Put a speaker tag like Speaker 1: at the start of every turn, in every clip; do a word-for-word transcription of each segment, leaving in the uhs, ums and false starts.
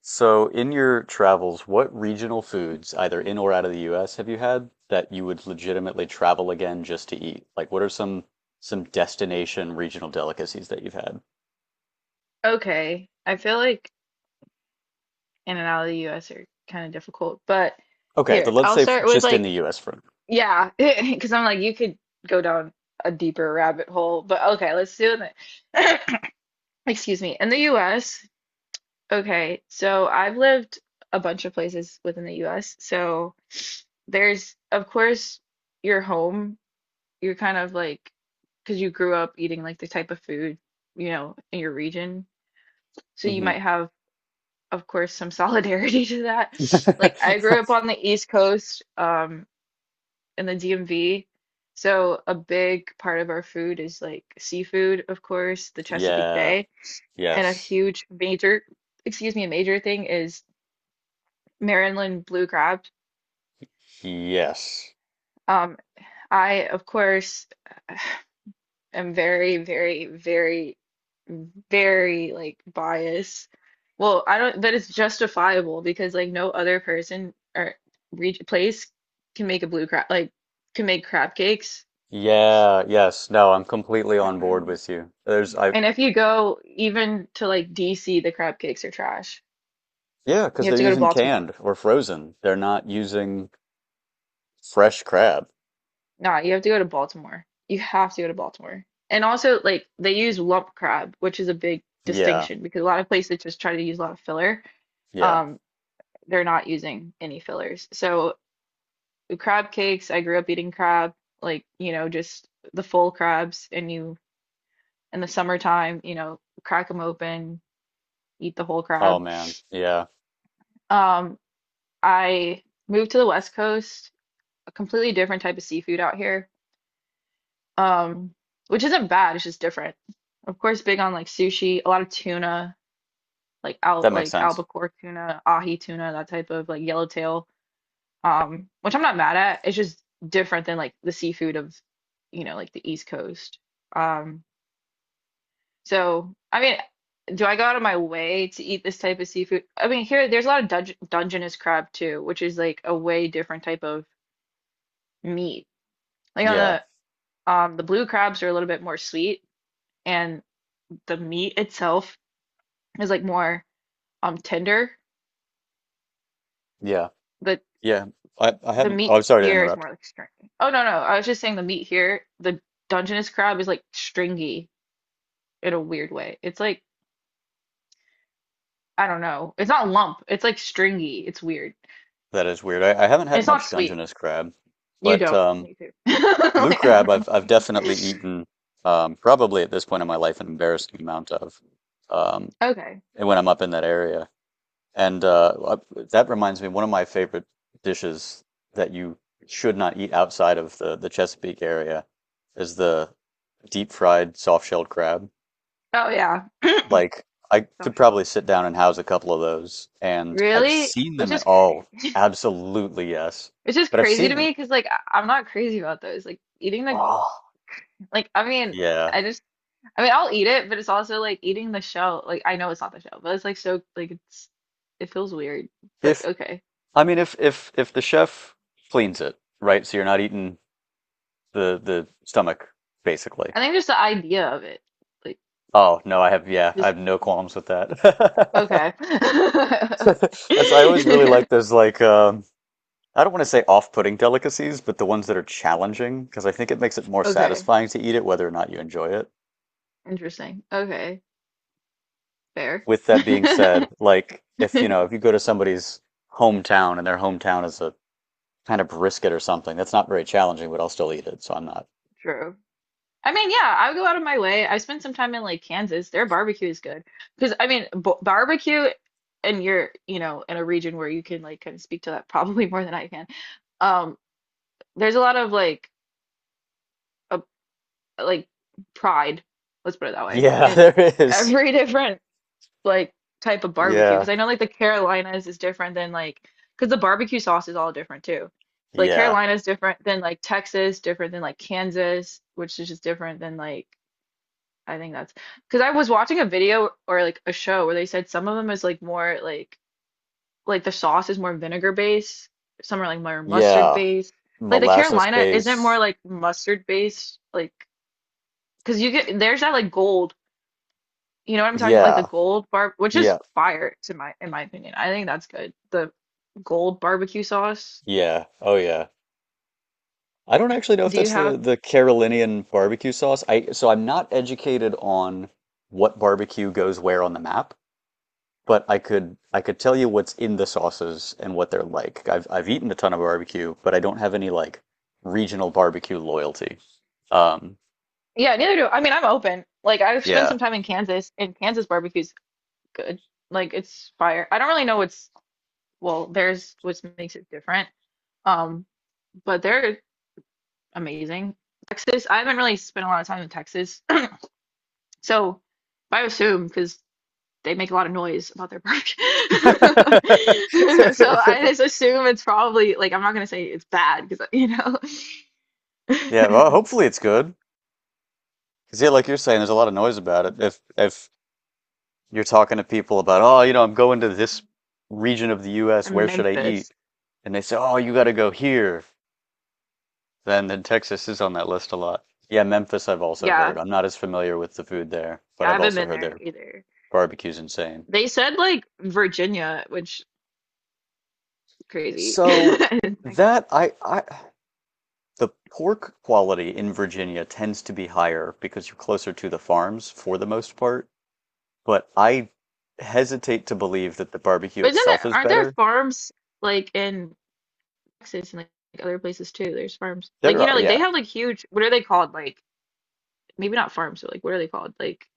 Speaker 1: So, in your travels, what regional foods, either in or out of the U S, have you had that you would legitimately travel again just to eat? Like, what are some some destination regional delicacies that you've had?
Speaker 2: Okay. I feel like in and out of the U S are kind of difficult, but
Speaker 1: Okay, so
Speaker 2: here,
Speaker 1: let's
Speaker 2: I'll
Speaker 1: say f-
Speaker 2: start with
Speaker 1: just in the
Speaker 2: like,
Speaker 1: U S for
Speaker 2: yeah, because I'm like, you could go down a deeper rabbit hole, but okay, let's do it. Excuse me. In the U S, okay, so I've lived a bunch of places within the U S. So there's, of course, your home. You're kind of like, because you grew up eating like the type of food, you know, in your region. So you
Speaker 1: hmm
Speaker 2: might have of course, some solidarity to that. Like, I grew up on the East Coast, um, in the D M V. So, a big part of our food is like seafood, of course, the Chesapeake
Speaker 1: Yeah,
Speaker 2: Bay. And a
Speaker 1: yes.
Speaker 2: huge major, excuse me, a major thing is Maryland blue crab.
Speaker 1: Yes.
Speaker 2: Um, I, of course, I am very, very, very, very like biased. Well, I don't, but it's justifiable because like no other person or re place can make a blue crab like can make crab cakes.
Speaker 1: Yeah, yes. No, I'm completely on board
Speaker 2: Um,
Speaker 1: with you. There's I
Speaker 2: And if you go even to like D C, the crab cakes are trash.
Speaker 1: Yeah,
Speaker 2: You
Speaker 1: because
Speaker 2: have
Speaker 1: they're
Speaker 2: to go to
Speaker 1: using
Speaker 2: Baltimore.
Speaker 1: canned or frozen. They're not using fresh crab.
Speaker 2: Nah, you have to go to Baltimore. You have to go to Baltimore. And also, like, they use lump crab, which is a big
Speaker 1: Yeah,
Speaker 2: distinction because a lot of places just try to use a lot of filler.
Speaker 1: yeah.
Speaker 2: Um, they're not using any fillers. So crab cakes, I grew up eating crab, like, you know, just the full crabs and you in the summertime, you know, crack them open, eat the whole
Speaker 1: Oh
Speaker 2: crab.
Speaker 1: man. Yeah.
Speaker 2: Um, I moved to the West Coast, a completely different type of seafood out here. Um, which isn't bad, it's just different. Of course, big on like sushi, a lot of tuna, like out
Speaker 1: That makes
Speaker 2: like
Speaker 1: sense.
Speaker 2: albacore tuna, ahi tuna, that type of like yellowtail. Um, which I'm not mad at. It's just different than like the seafood of, you know, like the East Coast. Um, so I mean, do I go out of my way to eat this type of seafood? I mean, here there's a lot of dunge Dungeness crab too, which is like a way different type of meat. Like on
Speaker 1: Yeah,
Speaker 2: the um, the blue crabs are a little bit more sweet, and the meat itself is like more um tender.
Speaker 1: yeah,
Speaker 2: The
Speaker 1: yeah. I, I
Speaker 2: the
Speaker 1: haven't. Oh, I'm
Speaker 2: meat
Speaker 1: sorry to
Speaker 2: here is
Speaker 1: interrupt.
Speaker 2: more like stringy. Oh no no, I was just saying the meat here, the Dungeness crab is like stringy in a weird way. It's like, I don't know. It's not lump. It's like stringy. It's weird.
Speaker 1: That is weird. I, I haven't
Speaker 2: And
Speaker 1: had
Speaker 2: it's not
Speaker 1: much
Speaker 2: sweet.
Speaker 1: Dungeness crab,
Speaker 2: You
Speaker 1: but
Speaker 2: don't.
Speaker 1: um,
Speaker 2: Me too.
Speaker 1: blue
Speaker 2: Like, I
Speaker 1: crab
Speaker 2: don't
Speaker 1: I've I've
Speaker 2: know.
Speaker 1: definitely eaten um, probably at this point in my life an embarrassing amount of um,
Speaker 2: Okay.
Speaker 1: and when I'm up in that area. And uh, I- that reminds me, one of my favorite dishes that you should not eat outside of the the Chesapeake area is the deep fried soft shelled crab.
Speaker 2: Oh yeah,
Speaker 1: Like I could
Speaker 2: soft shell.
Speaker 1: probably sit down and house a couple of those, and I've
Speaker 2: Really?
Speaker 1: seen
Speaker 2: Which
Speaker 1: them at
Speaker 2: is
Speaker 1: all.
Speaker 2: crazy.
Speaker 1: Absolutely yes.
Speaker 2: It's just
Speaker 1: But I've
Speaker 2: crazy
Speaker 1: seen
Speaker 2: to
Speaker 1: them.
Speaker 2: me because like I- I'm not crazy about those. Like eating the
Speaker 1: Oh,
Speaker 2: like I mean
Speaker 1: yeah.
Speaker 2: I just I mean I'll eat it, but it's also like eating the shell. Like I know it's not the shell, but it's like so like it's it feels weird. But
Speaker 1: If
Speaker 2: okay.
Speaker 1: I mean if if if the chef cleans it, right? So you're not eating the the stomach basically.
Speaker 2: I think just the idea of it. Like
Speaker 1: Oh, no, I have, yeah, I
Speaker 2: just
Speaker 1: have no qualms with that.
Speaker 2: okay.
Speaker 1: That's, I always really
Speaker 2: Okay.
Speaker 1: like those like um I don't want to say off-putting delicacies, but the ones that are challenging because I think it makes it more
Speaker 2: Okay.
Speaker 1: satisfying to eat it whether or not you enjoy it.
Speaker 2: Interesting. Okay. Fair.
Speaker 1: With that being said, like if you know if you go to somebody's hometown and their hometown is a kind of brisket or something, that's not very challenging, but I'll still eat it, so I'm not.
Speaker 2: True. I mean, yeah, I go out of my way. I spent some time in like Kansas. Their barbecue is good. Because I mean, b barbecue and you're, you know, in a region where you can like kind of speak to that probably more than I can. Um, there's a lot of like a, like pride, let's put it that way,
Speaker 1: Yeah, there
Speaker 2: in
Speaker 1: is.
Speaker 2: every different like type of barbecue
Speaker 1: Yeah,
Speaker 2: because I know like the Carolinas is different than like because the barbecue sauce is all different too. So like
Speaker 1: yeah,
Speaker 2: Carolina's different than like Texas, different than like Kansas, which is just different than like I think that's because I was watching a video or like a show where they said some of them is like more like like the sauce is more vinegar based, some are like more mustard
Speaker 1: yeah.
Speaker 2: based. Like the
Speaker 1: Molasses
Speaker 2: Carolina isn't more
Speaker 1: base.
Speaker 2: like mustard based, like because you get there's that like gold you know what I'm talking about? Like the
Speaker 1: Yeah,
Speaker 2: gold bar, which is
Speaker 1: yeah,
Speaker 2: fire to my in my opinion. I think that's good. The gold barbecue sauce.
Speaker 1: yeah. Oh yeah. I don't actually know if
Speaker 2: Do you
Speaker 1: that's the
Speaker 2: have?
Speaker 1: the Carolinian barbecue sauce. I So I'm not educated on what barbecue goes where on the map. But I could I could tell you what's in the sauces and what they're like. I've I've eaten a ton of barbecue, but I don't have any like regional barbecue loyalty. Um,
Speaker 2: Yeah, neither do I mean I'm open. Like I've spent
Speaker 1: yeah.
Speaker 2: some time in Kansas and Kansas barbecue's good. Like it's fire. I don't really know what's well, there's what makes it different. Um, but they're amazing. Texas, I haven't really spent a lot of time in Texas. So but I assume because they make a lot of noise about their bark. So I just assume it's probably like I'm not gonna say it's bad because you know
Speaker 1: Yeah, well, hopefully it's good. 'Cause yeah, like you're saying, there's a lot of noise about it. If if you're talking to people about, oh, you know, I'm going to this region of the U S, where should I eat?
Speaker 2: Memphis.
Speaker 1: And they say, oh, you got to go here. Then then Texas is on that list a lot. Yeah, Memphis, I've also heard.
Speaker 2: Yeah,
Speaker 1: I'm not as familiar with the food there, but
Speaker 2: yeah, I
Speaker 1: I've
Speaker 2: haven't
Speaker 1: also
Speaker 2: been
Speaker 1: heard
Speaker 2: there
Speaker 1: there.
Speaker 2: either.
Speaker 1: Barbecue's insane.
Speaker 2: They said like Virginia, which is crazy.
Speaker 1: So that I I the pork quality in Virginia tends to be higher because you're closer to the farms for the most part, but I hesitate to believe that the barbecue
Speaker 2: But isn't
Speaker 1: itself
Speaker 2: there
Speaker 1: is
Speaker 2: aren't there
Speaker 1: better.
Speaker 2: farms like in Texas and like other places too? There's farms like
Speaker 1: There
Speaker 2: you
Speaker 1: are,
Speaker 2: know like they
Speaker 1: yeah,
Speaker 2: have like huge what are they called like maybe not farms but like what are they called like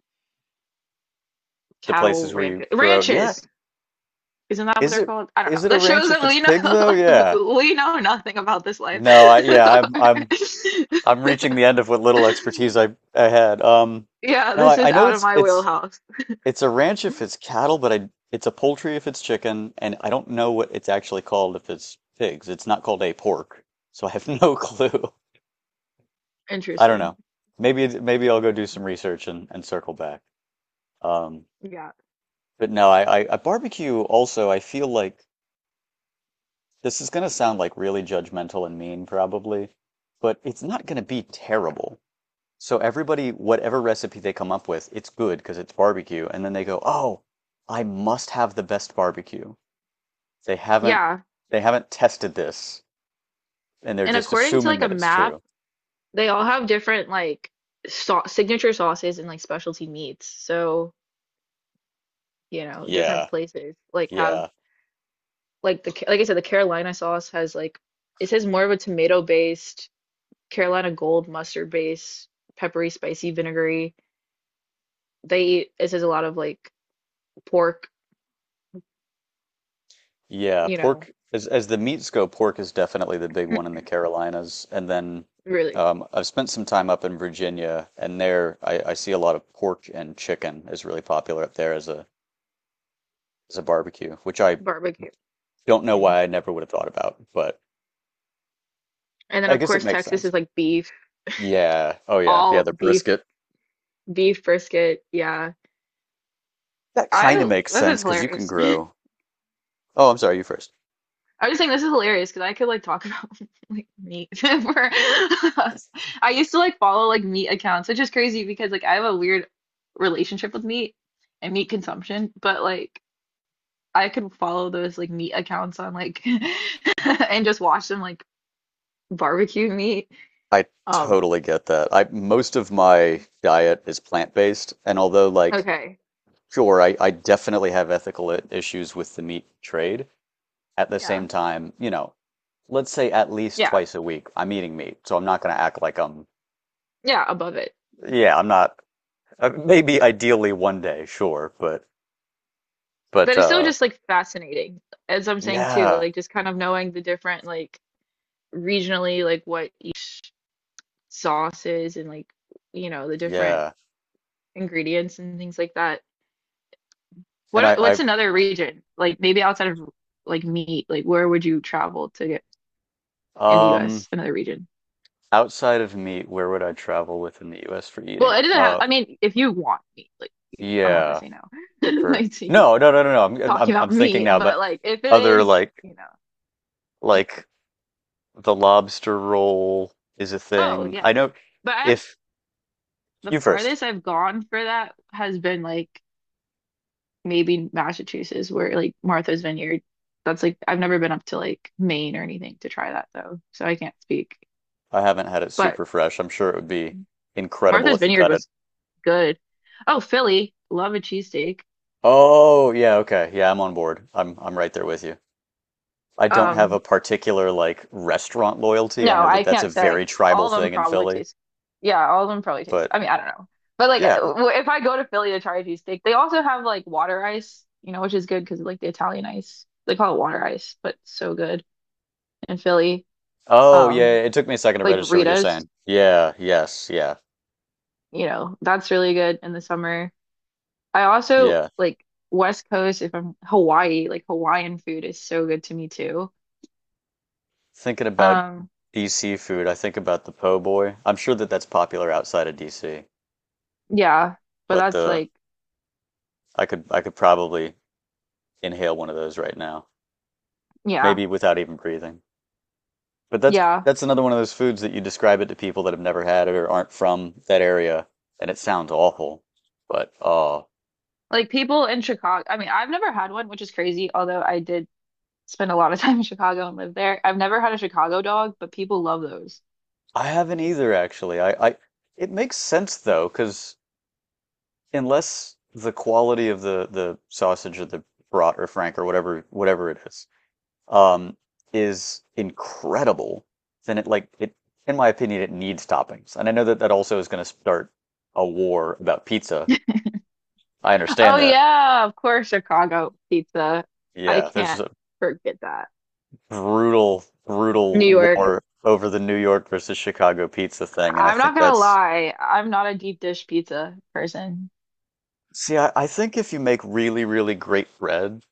Speaker 1: the
Speaker 2: cattle
Speaker 1: places where you
Speaker 2: ranches
Speaker 1: grow. Yeah,
Speaker 2: ranches. Isn't that what
Speaker 1: is
Speaker 2: they're
Speaker 1: it
Speaker 2: called? I don't know.
Speaker 1: is it a
Speaker 2: That
Speaker 1: ranch
Speaker 2: shows that
Speaker 1: if it's
Speaker 2: we know
Speaker 1: pig though? Yeah.
Speaker 2: like we know nothing about this life.
Speaker 1: No, I yeah, I'm I'm I'm reaching the end of what little expertise I I had. Um,
Speaker 2: Yeah,
Speaker 1: no,
Speaker 2: this
Speaker 1: I, I
Speaker 2: is
Speaker 1: know
Speaker 2: out of
Speaker 1: it's
Speaker 2: my
Speaker 1: it's
Speaker 2: wheelhouse.
Speaker 1: it's a ranch if it's cattle, but I it's a poultry if it's chicken, and I don't know what it's actually called if it's pigs. It's not called a pork, so I have no clue. I don't know.
Speaker 2: Interesting.
Speaker 1: Maybe it- maybe I'll go do some research and, and circle back. Um,
Speaker 2: Yeah.
Speaker 1: but no, I, I, I barbecue also, I feel like this is gonna sound like really judgmental and mean probably, but it's not gonna be terrible. So everybody, whatever recipe they come up with, it's good because it's barbecue, and then they go, "Oh, I must have the best barbecue." They haven't
Speaker 2: Yeah.
Speaker 1: they haven't tested this and they're
Speaker 2: And
Speaker 1: just
Speaker 2: according to
Speaker 1: assuming
Speaker 2: like a
Speaker 1: that it's
Speaker 2: map,
Speaker 1: true.
Speaker 2: they all have different like sau signature sauces and like specialty meats. So, you know, different
Speaker 1: Yeah,
Speaker 2: places like have
Speaker 1: yeah,
Speaker 2: like the like I said the Carolina sauce has like it says more of a tomato based, Carolina gold mustard based, peppery, spicy, vinegary. They eat it says a lot of like pork,
Speaker 1: yeah.
Speaker 2: you know,
Speaker 1: Pork, as as the meats go, pork is definitely the big one in the Carolinas. And then
Speaker 2: really
Speaker 1: um, I've spent some time up in Virginia and there I, I see a lot of pork and chicken is really popular up there as a as a barbecue, which I
Speaker 2: barbecue.
Speaker 1: don't know
Speaker 2: Mm.
Speaker 1: why I never would have thought about, but
Speaker 2: And then
Speaker 1: I
Speaker 2: of
Speaker 1: guess it
Speaker 2: course
Speaker 1: makes
Speaker 2: Texas
Speaker 1: sense.
Speaker 2: is like beef,
Speaker 1: Yeah. Oh yeah. Yeah,
Speaker 2: all
Speaker 1: the
Speaker 2: beef,
Speaker 1: brisket.
Speaker 2: beef brisket. Yeah.
Speaker 1: That kind of
Speaker 2: I
Speaker 1: makes
Speaker 2: this is
Speaker 1: sense because you can
Speaker 2: hilarious.
Speaker 1: grow. Oh, I'm sorry, you first.
Speaker 2: I was just saying this is hilarious because I could like talk about like meat for I used to like follow like meat accounts, which is crazy because like I have a weird relationship with meat and meat consumption, but like I could follow those like meat accounts on like and just watch them like barbecue meat.
Speaker 1: I
Speaker 2: Um,
Speaker 1: totally get that. I most of my diet is plant-based, and although like
Speaker 2: Okay.
Speaker 1: sure, I, I definitely have ethical i- issues with the meat trade, at the same
Speaker 2: Yeah.
Speaker 1: time, you know, let's say at least
Speaker 2: Yeah.
Speaker 1: twice a week I'm eating meat, so I'm not going to act like I'm
Speaker 2: Yeah, above it.
Speaker 1: yeah, I'm not uh, maybe ideally one day, sure, but but
Speaker 2: But it's still
Speaker 1: uh
Speaker 2: just like fascinating, as I'm saying too,
Speaker 1: yeah,
Speaker 2: like just kind of knowing the different like regionally like what each sauce is and like you know the different
Speaker 1: yeah.
Speaker 2: ingredients and things like that.
Speaker 1: And
Speaker 2: What
Speaker 1: I
Speaker 2: what's another region? Like maybe outside of like meat, like where would you travel to get in the
Speaker 1: I um
Speaker 2: U S, another region?
Speaker 1: outside of meat, where would I travel within the U S for
Speaker 2: Well,
Speaker 1: eating?
Speaker 2: it doesn't have
Speaker 1: Uh
Speaker 2: I mean, if you want meat, like I'm not gonna
Speaker 1: yeah.
Speaker 2: say no.
Speaker 1: For
Speaker 2: Like to you
Speaker 1: no, no, no, no, no, I'm
Speaker 2: talking
Speaker 1: I'm
Speaker 2: about
Speaker 1: I'm thinking
Speaker 2: meat,
Speaker 1: now, but
Speaker 2: but like if it
Speaker 1: other
Speaker 2: is,
Speaker 1: like
Speaker 2: you know.
Speaker 1: like the lobster roll is a
Speaker 2: Oh
Speaker 1: thing.
Speaker 2: yeah.
Speaker 1: I know
Speaker 2: But I have
Speaker 1: if
Speaker 2: the
Speaker 1: you first.
Speaker 2: farthest I've gone for that has been like maybe Massachusetts, where like Martha's Vineyard. That's like I've never been up to like Maine or anything to try that though, so I can't speak.
Speaker 1: I haven't had it
Speaker 2: But
Speaker 1: super fresh. I'm sure it would be incredible
Speaker 2: Martha's
Speaker 1: if you
Speaker 2: Vineyard
Speaker 1: got it.
Speaker 2: was good. Oh, Philly, love a cheesesteak.
Speaker 1: Oh, yeah, okay. Yeah, I'm on board. I'm I'm right there with you. I don't have a
Speaker 2: Um,
Speaker 1: particular like restaurant loyalty. I
Speaker 2: no,
Speaker 1: know that
Speaker 2: I
Speaker 1: that's a
Speaker 2: can't say.
Speaker 1: very tribal
Speaker 2: All of them
Speaker 1: thing in
Speaker 2: probably
Speaker 1: Philly,
Speaker 2: taste. Yeah, all of them probably taste.
Speaker 1: but
Speaker 2: I mean, I don't know. But like
Speaker 1: yeah.
Speaker 2: w- if I go to Philly to try a cheesesteak, they also have like water ice, you know, which is good because like the Italian ice. They call it water ice, but so good in Philly.
Speaker 1: Oh, yeah,
Speaker 2: Um,
Speaker 1: it took me a second to
Speaker 2: like
Speaker 1: register what you're
Speaker 2: Rita's,
Speaker 1: saying. Yeah, yes, yeah.
Speaker 2: you know, that's really good in the summer. I also
Speaker 1: Yeah.
Speaker 2: like West Coast, if I'm Hawaii, like Hawaiian food is so good to me too.
Speaker 1: Thinking about
Speaker 2: Um,
Speaker 1: D C food, I think about the po' boy. I'm sure that that's popular outside of D C,
Speaker 2: yeah, but
Speaker 1: but
Speaker 2: that's
Speaker 1: the
Speaker 2: like,
Speaker 1: I could I could probably inhale one of those right now,
Speaker 2: yeah,
Speaker 1: maybe without even breathing. But that's
Speaker 2: yeah.
Speaker 1: that's another one of those foods that you describe it to people that have never had it or aren't from that area, and it sounds awful. But uh,
Speaker 2: Like people in Chicago, I mean, I've never had one, which is crazy, although I did spend a lot of time in Chicago and lived there. I've never had a Chicago dog, but people love those.
Speaker 1: I haven't either actually. I, I it makes sense though, because unless the quality of the the sausage or the brat or frank or whatever whatever it is um, is incredible, then it like it, in my opinion, it needs toppings. And I know that that also is going to start a war about pizza. I
Speaker 2: Oh
Speaker 1: understand that.
Speaker 2: yeah, of course, Chicago pizza. I
Speaker 1: Yeah, there's
Speaker 2: can't
Speaker 1: a
Speaker 2: forget that.
Speaker 1: brutal, brutal
Speaker 2: New York.
Speaker 1: war over the New York versus Chicago pizza thing, and I
Speaker 2: I'm not
Speaker 1: think
Speaker 2: gonna
Speaker 1: that's.
Speaker 2: lie, I'm not a deep dish pizza person.
Speaker 1: See, I, I think if you make really, really great bread,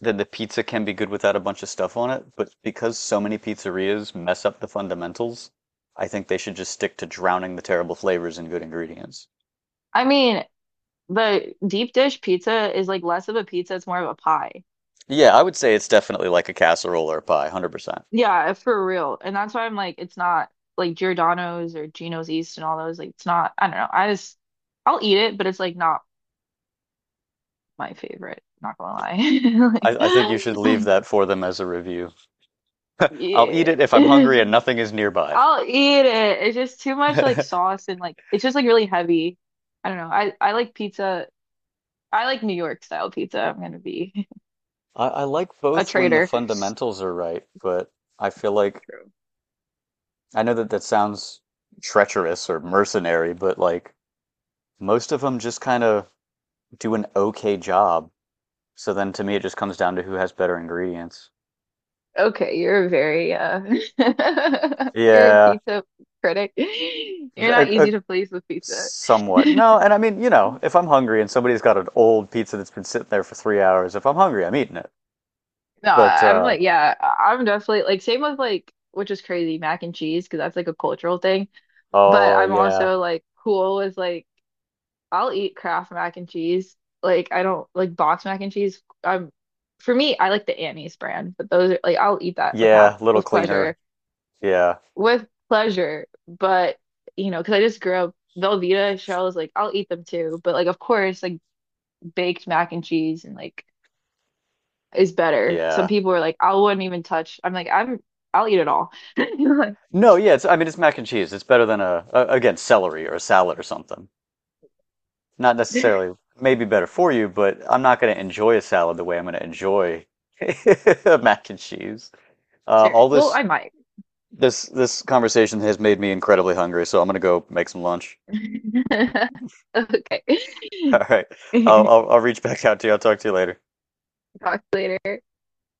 Speaker 1: then the pizza can be good without a bunch of stuff on it. But because so many pizzerias mess up the fundamentals, I think they should just stick to drowning the terrible flavors in good ingredients.
Speaker 2: I mean, the deep dish pizza is like less of a pizza, it's more of a pie.
Speaker 1: Yeah, I would say it's definitely like a casserole or a pie, one hundred percent.
Speaker 2: Yeah, for real. And that's why I'm like, it's not like Giordano's or Gino's East and all those. Like, it's not, I don't know. I just, I'll eat it, but it's like not my favorite. Not gonna
Speaker 1: I, I think you
Speaker 2: lie.
Speaker 1: should leave
Speaker 2: Like,
Speaker 1: that for them as a review. I'll eat
Speaker 2: yeah.
Speaker 1: it if I'm hungry and nothing is nearby.
Speaker 2: I'll eat it. It's just too much like
Speaker 1: I,
Speaker 2: sauce and like, it's just like really heavy. I don't know. I, I like pizza. I like New York style pizza. I'm gonna be
Speaker 1: I like
Speaker 2: a
Speaker 1: both when the
Speaker 2: traitor.
Speaker 1: fundamentals are right, but I feel like I know that that sounds treacherous or mercenary, but like most of them just kind of do an okay job. So then to me, it just comes down to who has better ingredients.
Speaker 2: Okay, you're a very uh you're a
Speaker 1: Yeah,
Speaker 2: pizza critic. You're not easy to please with pizza.
Speaker 1: somewhat. No, and I mean, you know, if I'm hungry and somebody's got an old pizza that's been sitting there for three hours, if I'm hungry, I'm eating it.
Speaker 2: No,
Speaker 1: But
Speaker 2: I'm
Speaker 1: uh,
Speaker 2: like yeah, I'm definitely like same with like which is crazy, mac and cheese because that's like a cultural thing. But
Speaker 1: oh
Speaker 2: I'm
Speaker 1: yeah,
Speaker 2: also like cool with like I'll eat Kraft mac and cheese. Like I don't like box mac and cheese. I'm For me, I like the Annie's brand, but those are like I'll eat that with half
Speaker 1: yeah, little
Speaker 2: with
Speaker 1: cleaner.
Speaker 2: pleasure.
Speaker 1: Yeah,
Speaker 2: With pleasure, but you know, because I just grew up Velveeta shells, like I'll eat them too, but like of course, like baked mac and cheese and like is better. Some
Speaker 1: yeah.
Speaker 2: people are like, I wouldn't even touch. I'm like, I'm I'll eat it all.
Speaker 1: No, yeah. It's, I mean, it's mac and cheese. It's better than a, a again celery or a salad or something. Not
Speaker 2: Like,
Speaker 1: necessarily maybe better for you, but I'm not going to enjoy a salad the way I'm going to enjoy mac and cheese. Uh,
Speaker 2: serious.
Speaker 1: all
Speaker 2: Well,
Speaker 1: this
Speaker 2: I might.
Speaker 1: this this conversation has made me incredibly hungry, so I'm going to go make some lunch.
Speaker 2: Okay.
Speaker 1: All right. I'll, I'll I'll reach back out to you. I'll talk to you later.
Speaker 2: Talk later.